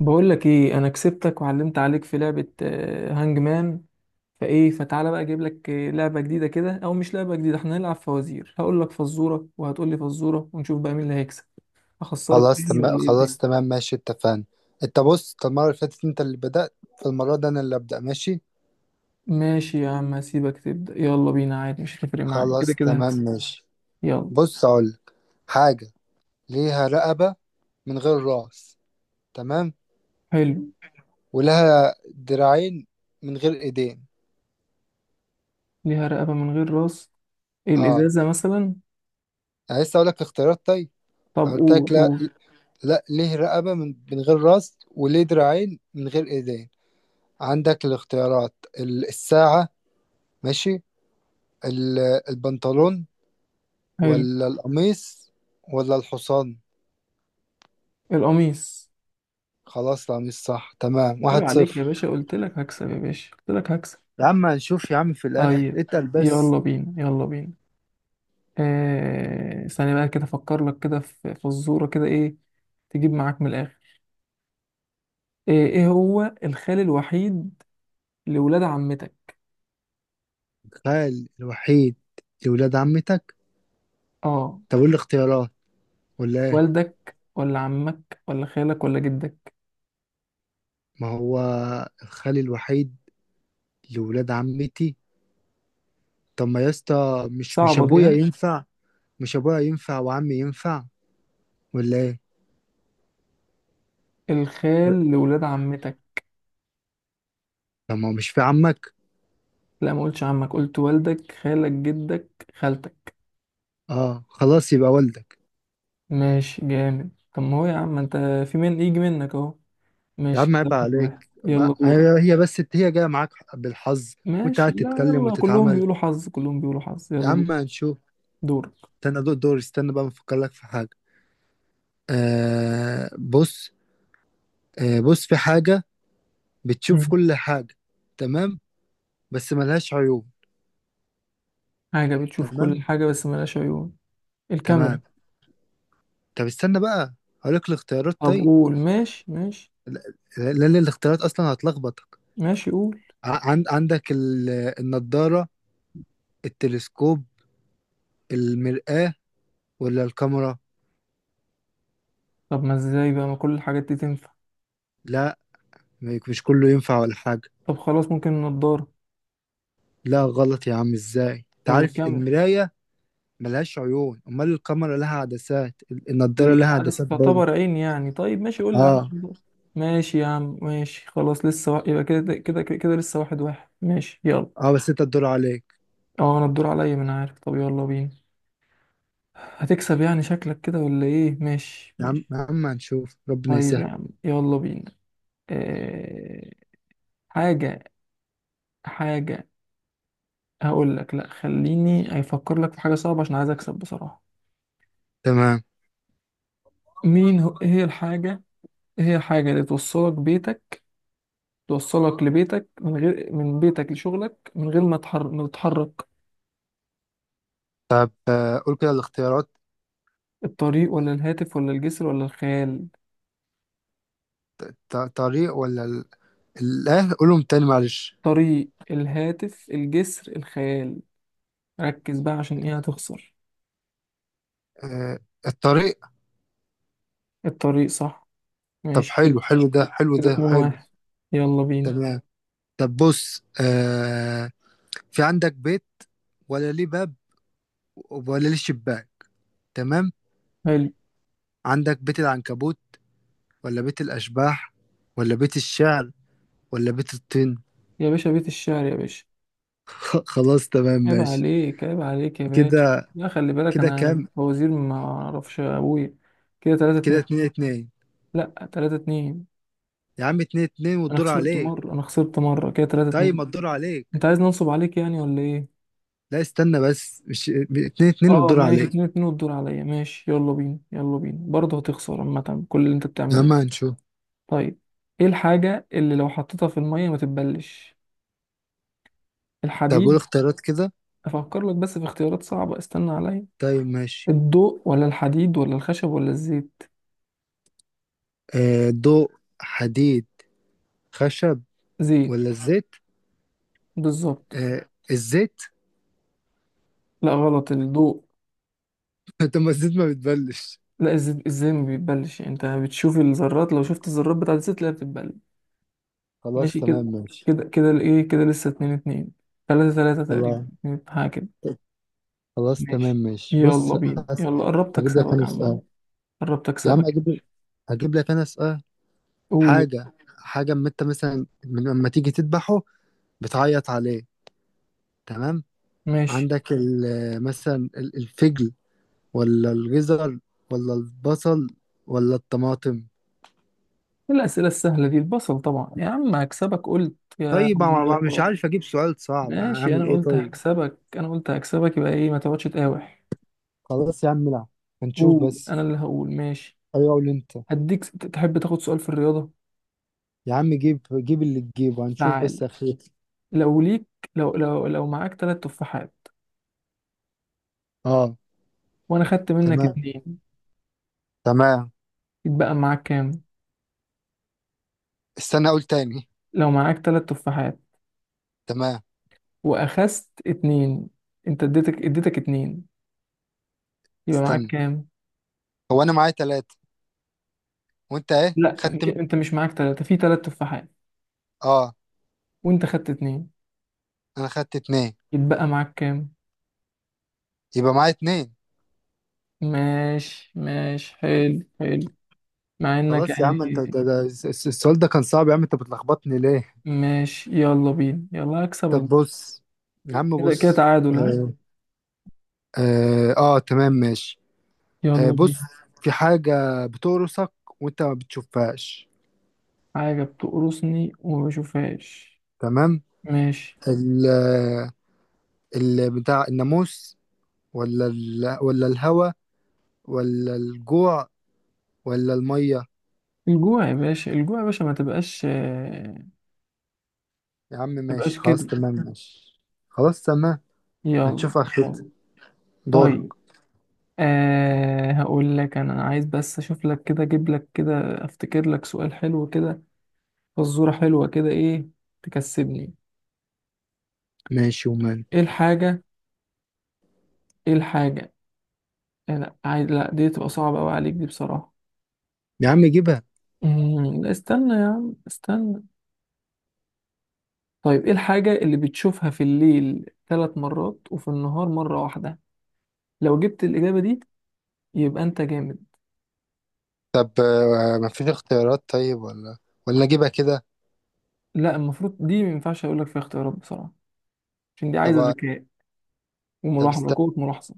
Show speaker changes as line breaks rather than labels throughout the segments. بقول لك ايه، انا كسبتك وعلمت عليك في لعبة هانج مان. فايه فتعالى بقى اجيب لك لعبة جديدة كده، او مش لعبة جديدة، احنا هنلعب فوازير. هقول لك فزورة وهتقول لي فزورة، ونشوف بقى مين اللي هيكسب. اخسرك
خلاص
تاني
تمام
ولا ايه
خلاص
الدنيا؟
تمام ماشي اتفقنا. انت بص، انت المرة اللي فاتت انت اللي بدأت. فالمرة دي انا اللي ابدأ، ماشي؟
ماشي يا عم، هسيبك تبدأ، يلا بينا عادي، مش هتفرق معايا، كده
خلاص
كده
تمام
هكسب.
ماشي.
يلا.
بص اقولك: حاجة ليها رقبة من غير راس، تمام؟
حلو.
ولها دراعين من غير ايدين.
ليها رقبة من غير راس،
اه،
الازازة مثلا.
انا لسه اقولك اختيارات، طيب؟
طب
أنا
قول
قلتلك لا.
قول.
لا، ليه رقبة من غير راس وليه دراعين من غير ايدين. عندك الاختيارات: الساعة، ماشي، ال- البنطلون،
حلو.
ولا القميص، ولا الحصان.
القميص.
خلاص، القميص، صح، تمام،
عيب
واحد
عليك يا
صفر
باشا، قلت لك هكسب، يا باشا قلت لك هكسب.
يا عم هنشوف، يا عم في الآخر،
طيب
اتقل بس.
يلا بينا يلا بينا. ثانية بقى كده أفكر لك كده في فزورة كده. إيه تجيب معاك من الآخر. إيه هو الخال الوحيد لولاد عمتك؟
الخال الوحيد لولاد عمتك.
آه.
طب ايه الاختيارات ولا ايه؟
والدك ولا عمك ولا خالك ولا جدك؟
ما هو الخال الوحيد لولاد عمتي. طب ما، يا اسطى، مش
صعبة دي،
ابويا
ها.
ينفع. مش ابويا ينفع وعمي ينفع، ولا ايه؟
الخال لولاد عمتك.
طب ما هو، مش في عمك؟
لا، ما قلتش عمك، قلت والدك، خالك، جدك، خالتك.
اه خلاص، يبقى والدك.
ماشي، جامد. طب ما هو يا عم أنت، في من يجي منك أهو.
يا
ماشي
عم
كده،
عيب
واحد
عليك،
واحد،
ما
يلا دورك.
هي هي بس هي جايه معاك بالحظ. وانت
ماشي،
قاعد
لا،
تتكلم
يلا كلهم
وتتعامل.
بيقولوا حظ، كلهم بيقولوا حظ،
يا
يلا دور.
عم هنشوف. استنى دور دور، استنى بقى بفكر لك في حاجة. بص. بص، في حاجة
دورك.
بتشوف كل حاجة، تمام؟ بس ملهاش عيوب.
حاجة بتشوف
تمام
كل حاجة بس ملهاش عيون،
تمام.
الكاميرا.
طب استنى بقى، هقول لك الاختيارات،
طب
طيب؟
قول، ماشي ماشي.
لا- لأن الاختيارات أصلا هتلخبطك.
ماشي قول.
عندك النضارة، التلسكوب، المرآة، ولا الكاميرا.
طب ما ازاي بقى، ما كل الحاجات دي تنفع؟
لا، مش كله ينفع ولا حاجة.
طب خلاص، ممكن النضارة.
لا غلط، يا عم ازاي
طب
تعرف
الكاميرا.
المراية ملهاش عيون؟ امال الكاميرا لها عدسات. النضاره لها
العدسة
عدسات برضه.
تعتبر عين يعني. طيب ماشي، قول لي العدسة
اه.
تعتبر- ماشي يا عم، ماشي خلاص، يبقى كده كده كده كده لسه واحد واحد، ماشي يلا.
اه، بس انت تدور عليك.
اه انا الدور عليا، ما انا عارف، طب يلا بينا. هتكسب يعني شكلك كده ولا ايه؟ ماشي
يا عم
ماشي.
يا عم هنشوف، ربنا
طيب
يسهل.
يا عم، يلا بينا. آه... حاجة. حاجة. هقول لك، لا خليني افكر لك في حاجه صعبه، عشان عايز اكسب بصراحه.
تمام.
مين هو، إيه هي الحاجه. إيه هي الحاجه اللي توصلك بيتك، توصلك لبيتك من غير، من بيتك لشغلك من غير ما تتحرك.
قول كده الاختيارات.
الطريق ولا الهاتف ولا الجسر ولا الخيال؟
طريق ولا قولهم تاني معلش.
طريق، الهاتف، الجسر، الخيال. ركز بقى، عشان ايه هتخسر.
آه الطريق.
الطريق، صح.
طب
ماشي كده،
حلو حلو، ده حلو،
كده
ده
اتنين
حلو.
واحد، يلا بينا.
تمام. طب بص، في عندك بيت، ولا ليه باب، ولا ليه شباك، تمام؟
حلو.
عندك بيت العنكبوت، ولا بيت الأشباح، ولا بيت الشعر، ولا بيت الطين.
يا باشا بيت الشعر يا باشا.
خلاص تمام
عيب
ماشي.
عليك، عيب عليك يا باشا.
كده،
لا خلي بالك،
كده
انا
كام؟
بوزير، ما اعرفش ابويا. كده 3
كده
2
2-2.
لا، 3-2.
يا عم 2-2،
انا
والدور
خسرت
عليك.
مرة، انا خسرت مرة، كده 3
طيب
2
ما الدور عليك.
انت عايز ننصب عليك يعني ولا ايه؟
لا استنى بس، مش 2-2
اه
والدور
ماشي،
عليك؟
2-2 والدور عليا، ماشي يلا بينا يلا بينا، برضه هتخسر عامة كل اللي انت
يا
بتعمله.
عم هنشوف.
طيب، ايه الحاجة اللي لو حطيتها في المية ما تتبلش؟
طب قول
الحديد.
اختيارات كده.
افكر لك بس في اختيارات صعبة، استنى عليا.
طيب ماشي.
الضوء ولا الحديد ولا الخشب ولا الزيت؟
ضوء، حديد، خشب،
زيت.
ولا الزيت.
بالظبط.
آه، الزيت.
لا، غلط، الضوء.
طب ما الزيت ما بتبلش.
لا الزيت ازاي ما بيتبلش، انت بتشوف الذرات، لو شفت الذرات بتاعت الزيت تلاقيها بتتبل.
خلاص
ماشي
تمام
كده.
ماشي.
كده كده ايه، كده لسه اتنين اتنين، تلاتة تلاتة تقريبا،
خلاص،
حاجة كده.
خلاص تمام
ماشي،
ماشي،
يلا
بص
بينا يلا، قربت
هجيب لك
اكسبك
انا
عمال.
سؤال.
قربت
يا عم
اكسبك.
اجيب، هجيب لك انا سؤال.
قول.
حاجة، حاجة أما أنت مثلا من لما تيجي تذبحه بتعيط عليه، تمام؟
ماشي.
عندك مثلا الفجل، ولا الجزر، ولا البصل، ولا الطماطم.
إيه الأسئلة السهلة دي، البصل طبعا. يا عم هكسبك، قلت يا
طيب أنا بقى مش
الله.
عارف أجيب سؤال صعب،
ماشي،
أعمل
أنا
إيه
قلت
طيب؟
هكسبك، أنا قلت هكسبك، يبقى إيه، ما تقعدش تقاوح.
خلاص يا عم، لا، هنشوف
قول،
بس.
أنا اللي هقول، ماشي.
أيوة قول أنت.
هديك تحب تاخد سؤال في الرياضة؟
يا عم جيب جيب اللي تجيبه، هنشوف
تعال.
بس، أخير.
لو ليك، لو معاك تلات تفاحات
أه.
وانا خدت منك
تمام
اتنين،
تمام.
يتبقى معاك كام؟
استنى أقول تاني.
لو معاك تلات تفاحات
تمام.
واخذت اتنين، انت اديتك اديتك اتنين، يبقى معاك
استنى،
كام؟
هو أنا معايا تلاتة وأنت إيه
لا
خدت
مش انت، مش معاك تلاتة، في تلات تفاحات
أه،
وانت خدت اتنين،
أنا خدت اتنين.
يتبقى معاك كام؟
يبقى معايا اتنين.
ماشي ماشي، حلو حلو. مع انك
خلاص يا عم، انت
يعني.
ده السؤال ده كان صعب، يا عم انت بتلخبطني ليه؟
ماشي، يلا بينا، يلا هكسبك
طب
بقى.
بص، يا عم
كده كده
بص.
تعادل، ها.
اه، آه، اه، تمام ماشي.
يلا
بص،
بينا.
في حاجة بتقرصك وانت ما بتشوفهاش،
حاجة بتقرصني وما بشوفهاش.
تمام؟
ماشي.
ال ال بتاع الناموس، ولا الهوا، ولا الجوع، ولا المية.
الجوع يا باشا، الجوع يا باشا، ما تبقاش
يا عم
ما تبقاش
ماشي، خلاص
كده.
تمام ماشي. خلاص تمام.
يلا.
هنشوف اخرتها.
يلا.
دورك.
طيب، أه هقول لك، انا عايز بس اشوف لك كده، اجيب لك كده، افتكر لك سؤال حلو كده، فزوره حلوه كده. ايه تكسبني.
ماشي ومان.
ايه الحاجه، ايه الحاجه. لا عايز، لا دي تبقى صعبه قوي عليك دي بصراحه.
يا عم جيبها.
لا استنى يا عم استنى. طيب، ايه الحاجه اللي بتشوفها في الليل 3 مرات وفي النهار مرة واحدة؟ لو جبت الاجابه دي، يبقى انت جامد.
طب مفيش اختيارات طيب، ولا اجيبها كده؟
لا، المفروض دي ما ينفعش اقول لك فيها اختيارات بصراحه، عشان دي
طب
عايزه ذكاء
طب
وملاحظه،
استنى.
قوه ملاحظه.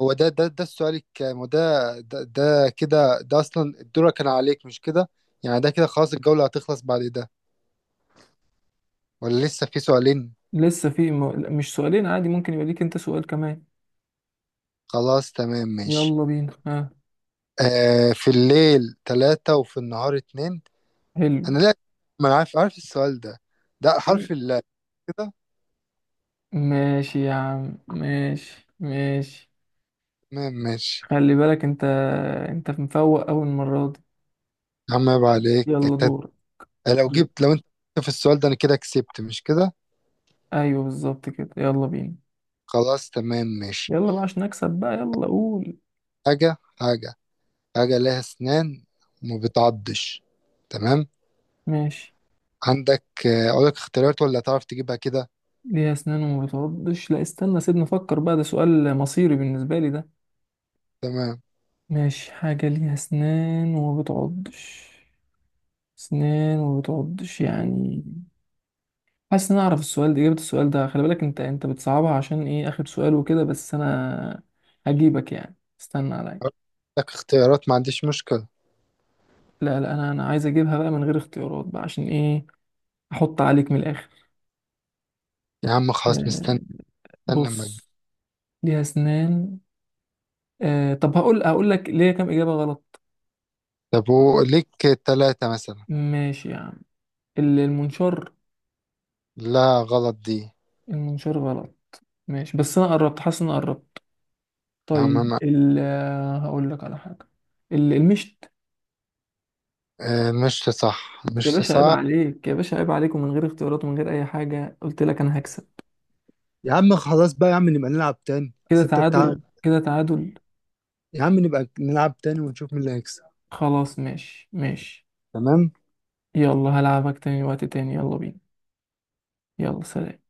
هو ده السؤال الكام، وده؟ ده كده ده اصلا الدور كان عليك، مش كده؟ يعني ده كده خلاص الجولة هتخلص بعد ده، ولا لسه في سؤالين؟
لا، مش سؤالين، عادي ممكن يبقى ليك انت سؤال كمان.
خلاص تمام ماشي.
يلا بينا، ها.
في الليل ثلاثة، وفي النهار اتنين.
حلو.
انا لا، ما انا عارف عارف السؤال ده، ده
يلا.
حرف اللام. كده.
ماشي يا عم، ماشي ماشي.
تمام ماشي.
خلي بالك انت، انت مفوق اول مره دي.
يا عم عيب عليك
يلا دور.
لو انت في السؤال ده، انا كده كسبت، مش كده؟
ايوه بالظبط كده، يلا بينا.
خلاص تمام ماشي.
يلا بقى عشان نكسب بقى، يلا قول.
حاجة، حاجة، حاجة لها أسنان وما بتعضش، تمام؟
ماشي.
عندك، أقول لك اختيارات، ولا تعرف تجيبها كده؟
ليها اسنان وما بتعضش. لا استنى، سيبني افكر بقى، ده سؤال مصيري بالنسبه لي ده.
تمام.
ماشي، حاجة ليها أسنان وما بتعضش. أسنان وما بتعضش يعني. حاسس إن أنا أعرف السؤال ده، إجابة السؤال ده. خلي بالك أنت، أنت بتصعبها عشان إيه، آخر سؤال وكده، بس أنا هجيبك يعني، استنى
أقول
عليا.
لك اختيارات، ما عنديش مشكلة.
لا لا، أنا عايز أجيبها بقى من غير اختيارات بقى، عشان إيه، أحط عليك من الآخر.
يا عم خلاص
آه،
مستني. استنى لما تجي.
بص. ليها أسنان. آه، طب هقول، هقول لك ليه كام إجابة غلط.
طب وليك تلاتة مثلا.
ماشي يا عم. المنشار.
لا غلط دي.
المنشار غلط. ماشي، بس أنا قربت، حاسس إن أنا قربت.
يا عم
طيب هقول لك على حاجة. المشت.
مش صح،
يا
مش
باشا عيب
صح.
عليك، يا باشا عيب عليك، ومن غير اختيارات ومن غير أي حاجة، قلت لك أنا هكسب.
يا عم خلاص بقى، يا عم نبقى نلعب تاني،
كده
اصل انت تعال.
تعادل، كده تعادل.
يا عم نبقى نلعب تاني ونشوف مين اللي هيكسب.
خلاص ماشي ماشي.
تمام.
يلا هلعبك تاني وقت تاني، يلا بينا. يلا، سلام.